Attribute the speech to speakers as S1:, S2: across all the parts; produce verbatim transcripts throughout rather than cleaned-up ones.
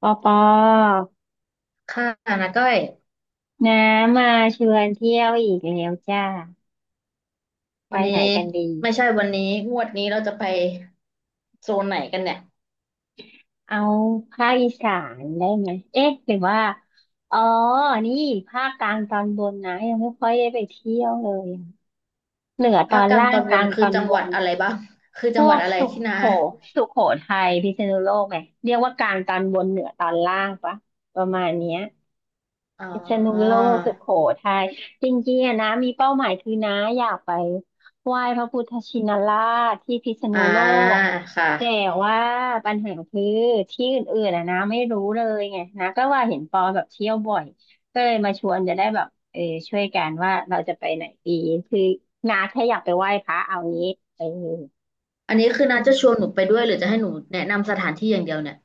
S1: ปอปอ
S2: ค่ะนะก้อย
S1: น้ามาชวนเที่ยวอีกแล้วจ้าไป
S2: วัน
S1: ไหน
S2: นี้
S1: กันดี
S2: ไม่ใช่วันนี้งวดนี้เราจะไปโซนไหนกันเนี่ย
S1: เอาภาคอีสานได้ไหม เอ๊ะหรือว่าอ๋อนี่ภาคกลางตอนบนนะยังไม่ค่อยได้ไปเที่ยวเลยอะเหนือต
S2: ภา
S1: อ
S2: ค
S1: น
S2: กลาง
S1: ล่า
S2: ต
S1: ง
S2: อน
S1: ก
S2: บ
S1: ลา
S2: น
S1: งต
S2: คือ
S1: อน
S2: จัง
S1: บ
S2: หวัด
S1: น
S2: อะไรบ้าง คือ
S1: พ
S2: จังห
S1: ว
S2: วัด
S1: ก
S2: อะไร
S1: สุ
S2: ที่
S1: โข
S2: นา
S1: สุโขทัยพิษณุโลกไงเรียกว่ากลางตอนบนเหนือตอนล่างปะ ประมาณเนี้ย
S2: อ๋อ
S1: พิษณุโลกสุโขทัยจริงๆอะนะมีเป้าหมายคือนะอยากไปไหว้พระพุทธชินราชที่พิษณุ
S2: อ่า
S1: โลก
S2: ค่ะ
S1: แต่ว่าปัญหาคือที่อื่นๆอะนะไม่รู้เลยไงนะก็ว่าเห็นปอแบบเที่ยวบ่อยก็เลยมาชวนจะได้แบบเออช่วยกันว่าเราจะไปไหนดีคือนาแค่อยากไปไหว้พระเอางี้เออ
S2: อันนี้คือนาจะชวนหนูไปด้วยหรือจะให้หนูแนะนำสถานที่อย่างเดียวเนี่ย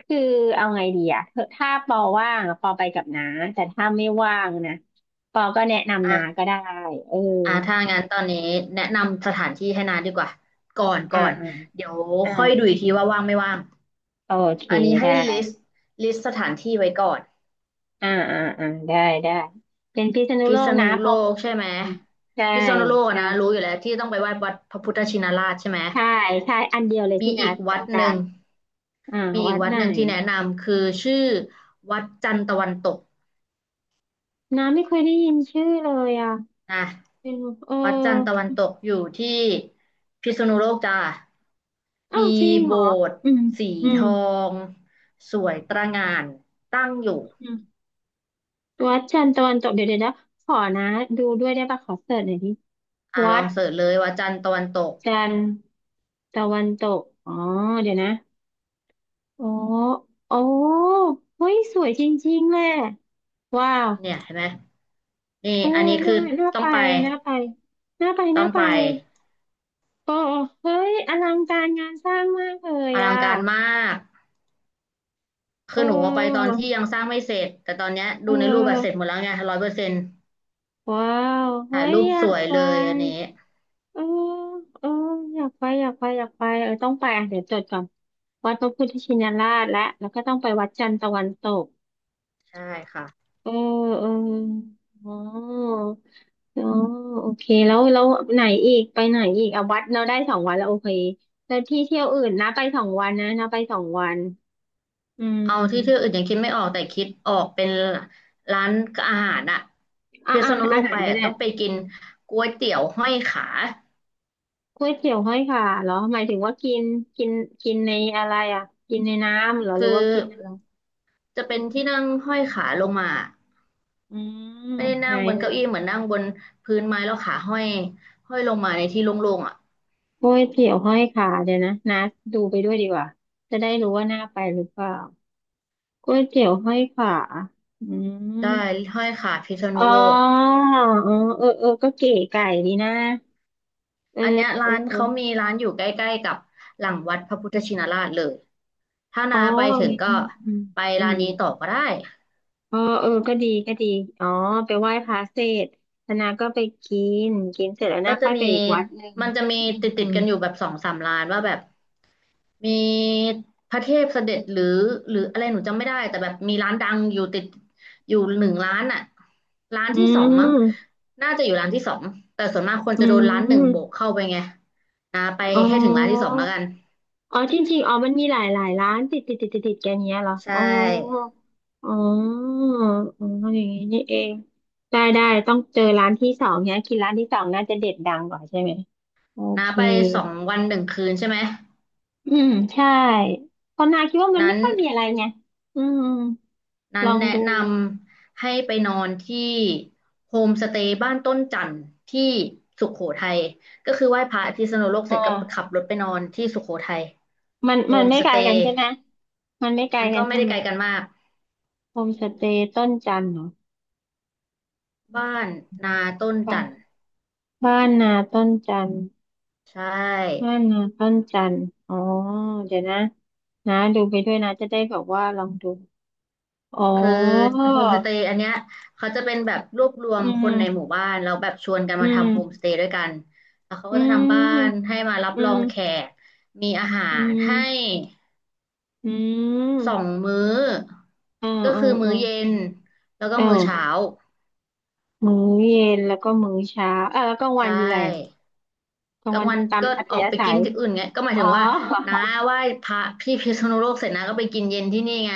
S1: คือเอาไงดีอะถ้าปอว่างอะปอไปกับน้าแต่ถ้าไม่ว่างนะปอก็แนะนำน้า
S2: อ่ะ
S1: ก็ได้เออ
S2: อ่ะถ้างั้นตอนนี้แนะนำสถานที่ให้นาดีกว่าก่อน
S1: อ่า
S2: ก่อน
S1: อ่า
S2: เดี๋ยว
S1: อ่า
S2: ค่อยดูอีกทีว่าว่างไม่ว่าง
S1: โอเค
S2: อันนี้ให้
S1: ได้
S2: ลิสต์ลิสต์สถานที่ไว้ก่อน
S1: อ่าอ่าอ่าได้ได้เป็นพิษณุ
S2: พิ
S1: โล
S2: ษ
S1: ก
S2: ณุ
S1: นะเพ
S2: โล
S1: ราะ
S2: กใช่ไหม
S1: อืมใช่
S2: พิษณุโลกอะ
S1: ใช่
S2: นะรู้อยู่แล้วที่ต้องไปไหว้วัดพระพุทธชินราชใช่ไหม
S1: ใช่ใช่อันเดียวเลย
S2: มี
S1: ที่น้า
S2: อีกวั
S1: ต้อ
S2: ด
S1: งกา
S2: หนึ่ง
S1: รอ่า
S2: มีอี
S1: วั
S2: ก
S1: ด
S2: วัด
S1: ไหน
S2: หนึ่งที่แนะ
S1: อะ
S2: นำคือชื่อวัดจันทร์ตะวันตก
S1: น้าไม่เคยได้ยินชื่อเลยอ่ะ
S2: นะ
S1: เป็นเออ
S2: วัดจันทร์ตะวันตกอยู่ที่พิษณุโลกจ้า
S1: อ้า
S2: มี
S1: วจริงเห
S2: โบ
S1: รอ
S2: สถ์
S1: อืม
S2: สี
S1: อื
S2: ท
S1: ม
S2: องสวยตระหง่านตั้งอยู่
S1: วัดจันทร์ตะวันตกเดี๋ยวเดี๋ยวนะขอนะดูด้วยได้ปะขอเสิร์ชหน่อยดิ
S2: อ่าล
S1: วั
S2: อ
S1: ด
S2: งเสิร์ชเลยวัดจันทร์ตะวันตก
S1: จันทร์ตะวันตกอ๋อเดี๋ยวนะโอ้โอ้เฮ้ยสวยจริงๆแหละว้าว
S2: เนี่ยเห็นไหมนี่
S1: เออ
S2: อันนี้คื
S1: น่า
S2: อ
S1: น่า
S2: ต้อ
S1: ไป
S2: งไป
S1: น่าไปน่าไป
S2: ต้อ
S1: น่า
S2: ง
S1: ไป
S2: ไป
S1: โอ้เฮ้ยอลังการงานสร้างมากเลย
S2: อลั
S1: อ่ะ
S2: งการมาก
S1: เ
S2: คือหนูเอาไปตอน
S1: ออ
S2: ที่ยังสร้างไม่เสร็จแต่ตอนเนี้ย
S1: เ
S2: ดูในรูปแบบเสร็จห
S1: ออ
S2: มดแล้วไงร้อยเปอร์เซ็นต์
S1: ว้าวเฮ้
S2: ถ่าย
S1: ย
S2: รูป
S1: อยา
S2: ส
S1: ก
S2: วย
S1: ไป
S2: เลยอันนี้
S1: เออเอออยากไปอยากไปอยากไปเออต้องไปอ่ะเดี๋ยวจดก่อนวัดพระพุทธชินราชและแล้วก็ต้องไปวัดจันทร์ตะวันตก
S2: ใช่ค่ะ
S1: เออเอออ๋ออ๋อโอเคแล้วแล้วไหนอีกไปไหนอีกอ่ะวัดเราได้สองวันแล้วโอเคแล้วที่เที่ยวอื่นนะไปสองวันนะนะไปสองวันอื
S2: เอาที่ที่อื่
S1: ม
S2: นยังคิดไม่ออกแต่คิดออกเป็นร้านอาหารอะ
S1: อ่ะ
S2: พิ
S1: อ่ะ
S2: ษณุโล
S1: อา
S2: ก
S1: หา
S2: ไป
S1: รก็
S2: อะ
S1: ได้
S2: ต้องไปกินก๋วยเตี๋ยวห้อยขา
S1: ก๋วยเตี๋ยวห้อยขาเหรอหมายถึงว่ากินกินกินในอะไรอ่ะกินในน้ำเหรอห
S2: คื
S1: รื
S2: อ
S1: อว่ากินอะไร
S2: จะเป็นที่นั่งห้อยขาลงมา
S1: อืม
S2: ไม่ได้
S1: ไหน
S2: นั่งบนเก้าอี้เหมือนนั่งบนพื้นไม้แล้วขาห้อยห้อยลงมาในที่โล่งๆอ่ะ
S1: โอ้ยเตี๋ยวห้อยขาเดี๋ยวนะนัดดูไปด้วยดีกว่าจะได้รู้ว่าน่าไปหรือเปล่าก๋วยเตี๋ยวห้อยขาอื
S2: ได้
S1: ม
S2: ห้อยขาพิษ
S1: อ๋
S2: ณุโลก
S1: ออ๋อเออเออก็เก๋ไก่ดีนะเออ
S2: อันเนี้ย
S1: เอ
S2: ร้า
S1: อ
S2: นเขามีร้านอยู่ใกล้ๆกับหลังวัดพระพุทธชินราชเลยถ้า
S1: อ๋อ
S2: นาไปถึ
S1: อ
S2: ง
S1: ย่าง
S2: ก็
S1: งี้อืม
S2: ไป
S1: อื
S2: ร้าน
S1: ม
S2: นี้ต่อก็ได้
S1: อ๋อเออก็ดีก็ดีอ๋อไปไหว้พระเสร็จแล้วนาก็ไปกินกินเสร็จแล้ว
S2: ก็
S1: นา
S2: จะ
S1: ค่อย
S2: มี
S1: ไปอีกวัดหนึ่ง
S2: มันจะมีติด
S1: อื
S2: ติด
S1: ม
S2: กันอยู่แบบสองสามร้านว่าแบบมีพระเทพเสด็จหรือหรืออะไรหนูจำไม่ได้แต่แบบมีร้านดังอยู่ติดอยู่หนึ่งร้านอ่ะร้าน
S1: อื
S2: ที่สองมั้ง
S1: ม
S2: น่าจะอยู่ร้านที่สองแต่ส่วนมากคน
S1: อื
S2: จะโด
S1: ม
S2: นร้านห
S1: อื
S2: นึ่ง
S1: ม
S2: โบกเข้าไปไงนาไป
S1: อ๋อ
S2: ให้ถึงร้านที่สองแล้วกัน
S1: อ๋อจริงๆอ๋อมันมีหลายหลายร้านติดติดติดติดติดกันเนี้ยเหรอ
S2: ใช่
S1: อ๋ออ๋ออ๋ออย่างงี้นี่เองได้ได้ต้องเจอร้านที่สองเนี้ยกินร้านที่สองน่าจะเด็ดดังกว่าใช่ไหมโอ
S2: นา
S1: เค
S2: ไปสองวันหนึ่งคืนใช่ไหม
S1: อืมใช่ตอนนาคิดว่ามัน
S2: นั้
S1: ไม่
S2: น
S1: ค่อยมีอะไรไงอืม
S2: นั้
S1: ล
S2: น
S1: อง
S2: แนะ
S1: ดู
S2: นำให้ไปนอนที่โฮมสเตย์บ้านต้นจันทร์ที่สุโขทัยก็คือไหว้พระที่สนุโลกเส
S1: อ่า
S2: ร็จก็ขับรถไปนอนที่สุโขทัย
S1: มัน
S2: โฮ
S1: มัน
S2: ม
S1: ไม่
S2: ส
S1: ไกล
S2: เต
S1: กัน
S2: ย์
S1: ใช่ไหมมันไม่ไกล
S2: มัน
S1: กั
S2: ก็
S1: น
S2: ไม่
S1: ใช่
S2: ได้
S1: ไหม
S2: ไกลกันมาก
S1: โฮมสเตย์ต้นจันทร์เหรอ
S2: บ้านนาต้น
S1: ป่ะ
S2: จันทร์
S1: บ้านนาต้นจันทร์
S2: ใช่
S1: น้านนาปั้นจันทร์อ๋อ เดี๋ยวนะนะดูไปด้วยนะจะได้แบบว่าลองดู อ๋อ
S2: คือโฮมสเตย์อันเนี้ยเขาจะเป็นแบบรวบรวม
S1: อื
S2: ค
S1: ม
S2: นในหมู่บ้านแล้วแบบชวนกัน
S1: อื
S2: มา
S1: ม
S2: ทำโฮมสเตย์ด้วยกันแล้วเขา
S1: อื
S2: ก็จะทำบ้าน
S1: ม
S2: ให้มารับ
S1: อื
S2: รอ
S1: ม
S2: งแขกมีอาหา
S1: อื
S2: รให้
S1: มอื
S2: สอ
S1: ม
S2: งมื้อ
S1: อ่า
S2: ก็
S1: อ่า
S2: คือมื้
S1: อ่า
S2: อเย็นแล้วก็
S1: อ
S2: มื้อเช้า
S1: ่ามื้อเย็นแล้วก็มื้อเช้าอ่ะแล้วกลาง
S2: ใช
S1: วันมีอะไรอ่ะ
S2: ่
S1: กลา
S2: ก
S1: ง
S2: ลาง
S1: วัน
S2: วัน
S1: ตาม
S2: ก็
S1: อัธ
S2: ออก
S1: ยา
S2: ไป
S1: ศั
S2: กิน
S1: ย
S2: ที่อื่นไงก็หมาย
S1: อ๋อ
S2: ถึงว่าน้า ไหว้พระที่พิษณุโลกเสร็จนะก็ไปกินเย็นที่นี่ไง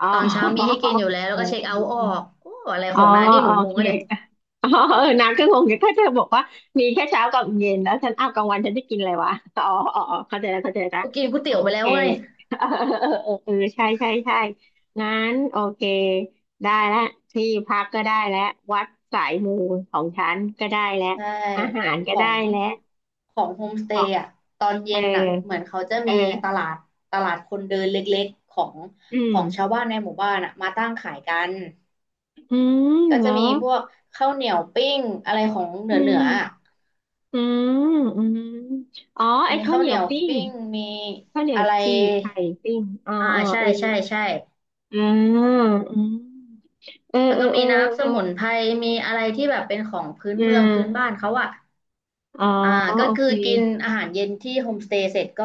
S1: อ๋อ
S2: ตอนเช้ามีให้กินอยู่แล้วแล้
S1: เอ
S2: ว
S1: อ
S2: ก็เช็คเอาท์ออกโอ้อะไร
S1: อ๋
S2: ข
S1: อ
S2: องน้านี่ห
S1: โอ
S2: นูงง
S1: เค
S2: อะเนี่ย
S1: อ๋อเออน้ำก็งงอยู่ถ้าเธอบอกว่ามีแค่เช้ากับเย็นแล้วฉันอ้าวกลางวันฉันจะกินอะไรวะอ๋ออ๋ออ๋อเข้าใจแล้วเข้าใจแล้ว
S2: ก็กินก๋วย
S1: โอ
S2: เตี๋ยวไปแล้
S1: เค
S2: วไง
S1: เออเออเออเออใช่ใช่ใช่งั้นโอเคได้แล้วที่พักก็ได้แล้ววัดสายมูของฉันก็ได้แล้ว
S2: ใช่
S1: อาหาร
S2: ข
S1: ก็
S2: อ
S1: ได้
S2: ง
S1: แล้ว
S2: ของโฮมสเต
S1: อ๋อ
S2: ย์อ่ะตอน
S1: เอ
S2: เย็
S1: อ
S2: นอ่ะเหมือนเขาจะ
S1: เอ
S2: มีต
S1: อ
S2: ลาดตลาดคนเดินเล็กๆของ
S1: อื
S2: ข
S1: ม
S2: องชาวบ้านในหมู่บ้านอ่ะมาตั้งขายกัน
S1: อืม
S2: ก็
S1: เหร
S2: จะ
S1: อ
S2: มีพวกข้าวเหนียวปิ้งอะไรของเหนื
S1: อื
S2: อเหนืออะ
S1: ม อืมอืมอ๋อไอ้
S2: มี
S1: ข้าว
S2: ข้า
S1: เห
S2: ว
S1: นี
S2: เหนี
S1: ยว
S2: ยว
S1: ปิ้ง
S2: ปิ้งมี
S1: ข้าวเหนีย
S2: อะ
S1: ว
S2: ไร
S1: จี่ไข่ปิ้งอ๋อ
S2: อ่า
S1: อ๋อ
S2: ใช่
S1: เออ
S2: ใช่
S1: เออ
S2: ใช่
S1: ออืมเออ
S2: แล้ว
S1: เออ
S2: ก็
S1: เอ
S2: มี
S1: อ
S2: น้ำส
S1: เออ
S2: มุนไพรมีอะไรที่แบบเป็นของพื้น
S1: เอ
S2: เมืองพื้นบ้า
S1: อ
S2: นเขาอ่ะ
S1: อ่า
S2: อ่า
S1: อ๋อ
S2: ก็
S1: โอ
S2: คือ
S1: เค
S2: กินอาหารเย็นที่โฮมสเตย์เสร็จก็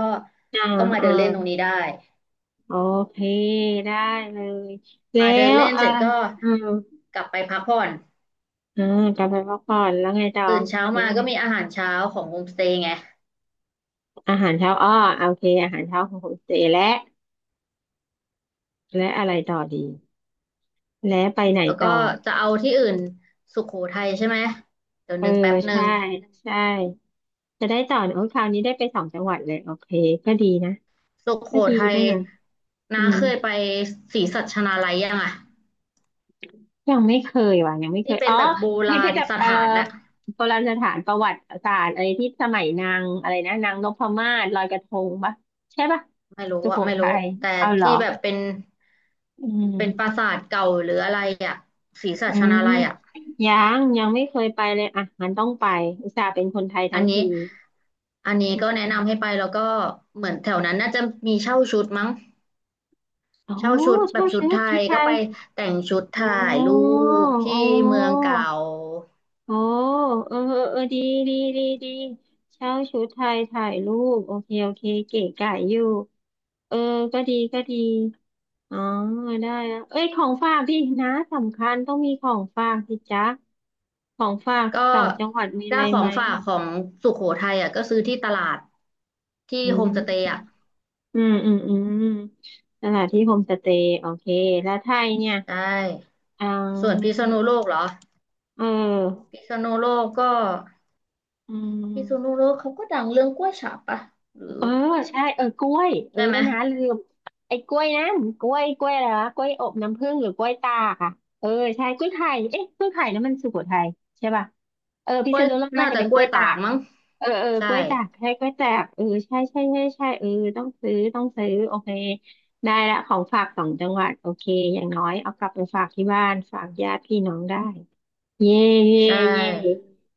S1: อ่า
S2: ก็มา
S1: อ่า
S2: เดินเล่นตรงนี้ได้
S1: โอเคได้เลยแล้
S2: มาเดิน
S1: ว
S2: เล่น
S1: อ่า
S2: เสร็จก็
S1: อ่า
S2: กลับไปพักผ่อน
S1: อ่ากลับไปพักผ่อนแล้วไงต่อ
S2: ตื่นเช้า
S1: แล้ว
S2: มา
S1: ไง
S2: ก็มีอาหารเช้าของโฮมสเตย์ไง
S1: อาหารเช้าอ้อโอเคอาหารเช้าของคุณเจและและอะไรต่อดี และไปไหน
S2: แล้วก็
S1: ต่อ
S2: จะเอาที่อื่นสุโขทัยใช่ไหมเดี๋ยว
S1: เออ
S2: นึกแป๊บหนึ่
S1: ใช่
S2: ง
S1: ใช่ จะได้ต่อโอ้ยคราวนี้ได้ไปสองจังหวัดเลยโอเคก็ดีนะ
S2: สุโข
S1: ก็ดี
S2: ทัย
S1: นะอื
S2: น้า
S1: ม
S2: เคยไปศรีสัชนาลัยยังอ่ะ
S1: ยังไม่เคยว่ะยังไม่เค
S2: ที่
S1: ย
S2: เป็
S1: อ๋
S2: น
S1: อ
S2: แบบโบ
S1: พป
S2: รา
S1: พิธ
S2: ณส
S1: เอ่อ
S2: ถานอะ
S1: โบราณสถานประวัติศาสตร์อะไรที่สมัยนางอะไรนะนางนพมาศลอยกระทงปะใช่ปะ
S2: ไม่รู้
S1: สุโข
S2: อะไม่
S1: ทั
S2: รู้
S1: ย
S2: แต่
S1: เอาเหรอ
S2: ที่แบบเป็น
S1: อื
S2: เป็นปรา
S1: ม
S2: สาทเก่าหรืออะไรอะศรีสั
S1: อื
S2: ชนา
S1: ม
S2: ลัยอะ
S1: ยังยังไม่เคยไปเลยอ่ะงั้นต้องไปอุตส่าห์เป็นคนไทย
S2: อั
S1: ทั้
S2: น
S1: ง
S2: นี้
S1: ที
S2: อันนี้
S1: อื
S2: ก็แนะ
S1: ม
S2: นำให้ไปแล้วก็เหมือนแถวนั้นน่าจะมีเช่าชุดมั้ง
S1: โอ้
S2: เช่าชุด
S1: ช
S2: แบ
S1: อ
S2: บ
S1: บ
S2: ชุด
S1: ชุ
S2: ไท
S1: ดชุ
S2: ย
S1: ดไท
S2: ก็
S1: ย
S2: ไปแต่งชุด
S1: อ๋
S2: ถ่ายรู
S1: อ
S2: ปที่
S1: อ๋อ
S2: เมืองเก่า
S1: โอ้เออเออเออดีดีดีดีเช่าชุดไทยถ่ายรูปโอเคโอเคเก๋ไก๋อยู่เออก็ดีก็ดีอ๋อ ได้แลเอ้ยของฝากพี่นะ สำคัญต้องมีของฝากสิจ๊ะของฝาก
S2: ก็
S1: สองจังหวัดมีอะ
S2: ถ้า
S1: ไร
S2: ขอ
S1: ไหม
S2: งฝากของสุโขทัยอ่ะก็ซื้อที่ตลาดที่
S1: อื
S2: โฮมสเตย์
S1: ม
S2: อ่ะ
S1: อืม อืมอืมสถานที่โฮมสเตย์โอเค แล้วไทยเนี่ย
S2: ใช่
S1: อ๋
S2: ส่วนพิ
S1: อ
S2: ษณุโลกเหรอ
S1: เออ
S2: พิษณุโลกก็
S1: อื
S2: พิษณุโล
S1: ม
S2: กเขาก็ดังเรื่องกล้วยฉาบปะหรือ
S1: เออใช่เออกล้วยเออ
S2: ใช่ไหม
S1: นะลืมไอ้กล้วยนะกล้วยกล้วยอะไรวะกล้วยอบน้ำผึ้งหรือกล้วยตากอะเออใช่กล้วยไข่เอ๊ะกล้วยไข่นั่นมันสุโขทัยใช่ป่ะเออพิ
S2: กล้
S1: ษ
S2: วย
S1: ณุโลกน่า
S2: น่า
S1: จะ
S2: จะ
S1: เป็น
S2: ก
S1: ก
S2: ล้
S1: ล้
S2: ว
S1: ว
S2: ย
S1: ย
S2: ตา
S1: ตา
S2: ก
S1: ก
S2: มั้ง
S1: เออเออ
S2: ใช่
S1: กล้วยตากใช่กล้วยตากเออใช่ใช่ใช่ใช่เออต้องซื้อต้องซื้อโอเคได้ละของฝากสองจังหวัดโอเคอย่างน้อยเอากลับไปฝากที่บ้านฝากญาติพี่น้องได้เย่เย่
S2: ใช่
S1: เย่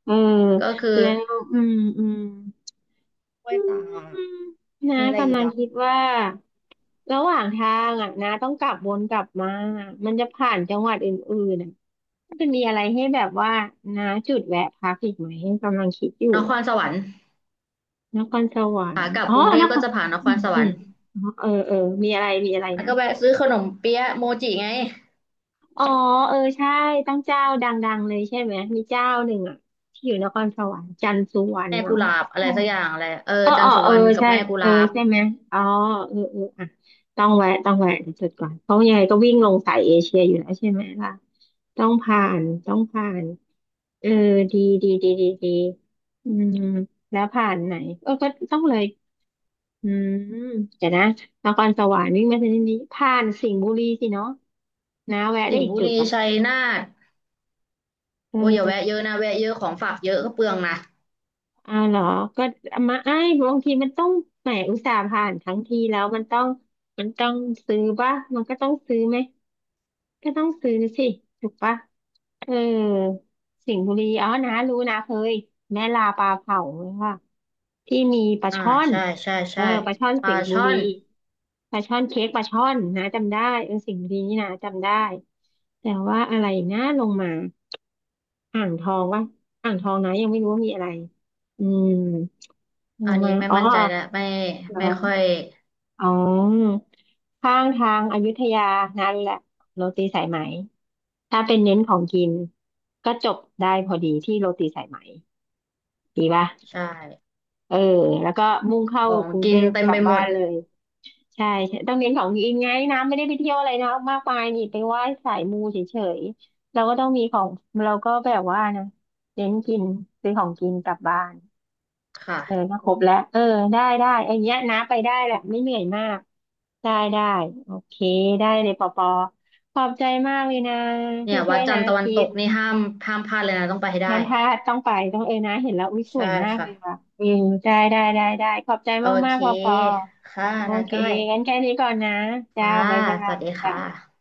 S1: เออ
S2: ก็คือ
S1: แล้วอืมอืม
S2: กล้ว
S1: อื
S2: ยตาก
S1: มน้า
S2: มีอะไร
S1: กำ
S2: อีก
S1: ลัง
S2: อ่ะ
S1: คิดว่าระหว่างทางอ่ะน้าต้องกลับวนกลับมามันจะผ่านจังหวัดอื่นๆอ่ะมันจะมีอะไรให้แบบว่าน้าจุดแวะพักอีกไหมกำลังคิดอยู่
S2: นค
S1: อ่ะ
S2: รสวรรค์
S1: นครสวรร
S2: ขา
S1: ค์
S2: กลับ
S1: อ๋อ
S2: กรุงเท
S1: น
S2: พ
S1: ค
S2: ก็
S1: ร
S2: จะผ่านนค
S1: อื
S2: ร
S1: ม
S2: สว
S1: อื
S2: รร
S1: ม
S2: ค์
S1: อ๋อเออเออมีอะไรมีอะไร
S2: แล้ว
S1: นะ
S2: ก็แวะซื้อขนมเปี๊ยะโมจิไง
S1: อ๋อเออใช่ตั้งเจ้าดังๆเลยใช่ไหมมีเจ้าหนึ่งอ่ะที่อยู่นครสวรรค์จันทร์สุวรรณ
S2: แม่
S1: มั้
S2: กุ
S1: ง
S2: หลาบอะไรสักอย่างอะไรเออ
S1: เออ
S2: จั
S1: เอ
S2: นท
S1: อ
S2: ร์สุ
S1: เอ
S2: ว
S1: อ
S2: รรณกับ
S1: ใช่
S2: แม่กุห
S1: เออ
S2: ลาบ
S1: ใช่ไหมอ๋อเออเอออ่ะ ต้องแวะต้องแวะเดี๋ยวจดก่อนเพราะยังไงก็วิ่งลงสายเอเชียอยู่แล้วใช่ไหมล่ะต้องผ่านต้องผ่านเออดีดีดีดีดีอืมแล้วผ่านไหนเออก็ต้องเลยอืมเดี๋ยวนะนครสวรรค์วิ่งมาทางนี้ผ่านสิงห์บุรีสิเนาะนะแวะ
S2: สิ
S1: ได้
S2: งห์
S1: อีก
S2: บุ
S1: จุด
S2: รี
S1: ป่ะ
S2: ชัยนาทโอ้ยอย่า
S1: เออ
S2: แวะเยอะนะแวะเยอะของฝากเยอะก็เปลืองนะ
S1: อ้าวเหรอ ก็มาไอ้ายบางทีมันต้องแหมอุตส่าห์ผ่านทั้งทีแล้วมันต้องมันต้องซื้อป่ะมันก็ต้องซื้อไหม ก็ต้องซื้อสิถูกปะเออสิงห์บุรีอ๋อนะรู้นะเคยแม่ลาปลาเผาค่ะที่มีปลา
S2: อ่า
S1: ช่อน
S2: ใช่ใช่
S1: เออ
S2: ใช่
S1: ปลาช่อน
S2: ป
S1: สิ
S2: ลา
S1: งห์บุ
S2: ช่อ
S1: รี
S2: น
S1: ปลาช่อนเค้กปลาช่อนนะจำได้เออสิงห์บุรีนี่นะจำได้แต่ว่าอะไรนะลงมาอ่างทองวะอ่างทองนะยังไม่รู้ว่ามีอะไรอืมล
S2: อั
S1: ง
S2: นนี้
S1: มา
S2: ไม่
S1: อ๋อ
S2: มั่นใจแล้วไม่
S1: เหร
S2: ไม่
S1: อ
S2: ค่อย
S1: อ๋อข้างทางอยุธยานั่นแหละโรตีสายไหมถ้าเป็นเน้นของกินก็จบได้พอดีที่โรตีสายไหมดีป่ะ
S2: ใช่
S1: เออแล้วก็มุ่งเข้า
S2: ของ
S1: กรุงเท
S2: กิน
S1: พ
S2: เต็ม
S1: กลั
S2: ไป
S1: บ
S2: หม
S1: บ้า
S2: ด
S1: นเลยใช่ใช่ต้องเน้นของกินไงนะไม่ได้ไปเที่ยวอะไรนะมากมายนี่ไปไหว้สายมูเฉยๆเราก็ต้องมีของเราก็แบบว่านะเน้นกินซื้อของกินกลับบ้าน เออ
S2: ค่ะ
S1: ถ้าครบแล้วเออได้ได้ไอ้เนี้ยนะไปได้แหละไม่เหนื่อยมากได้ได้โอเคได้เลยปอปอขอบใจมากเลยนะ
S2: เนี่
S1: ที่
S2: ย
S1: ช่
S2: วั
S1: ว
S2: ด
S1: ย
S2: จั
S1: นะ
S2: นทร์ตะวัน
S1: คิ
S2: ต
S1: ด
S2: กนี่ห้ามห้ามพลาดเลยนะต้องไปให้ได้
S1: น้ำท่าต้องไปต้องเออนะเห็นแล้วอุ้ยส
S2: ใช่
S1: วยมากเล
S2: ค่ะ
S1: ยว่ะอืมได้ได้ได้ได้ขอบใจ
S2: โอ
S1: มากมา
S2: เค
S1: กปอปอ
S2: ค่ะ
S1: โอ
S2: นา
S1: เค
S2: ก้อย
S1: งั้นแค่นี้ก่อนนะจ้า
S2: ค่ะ
S1: บ๊ายบา
S2: ส
S1: ย
S2: วัสดีค
S1: จ้า
S2: ่ะ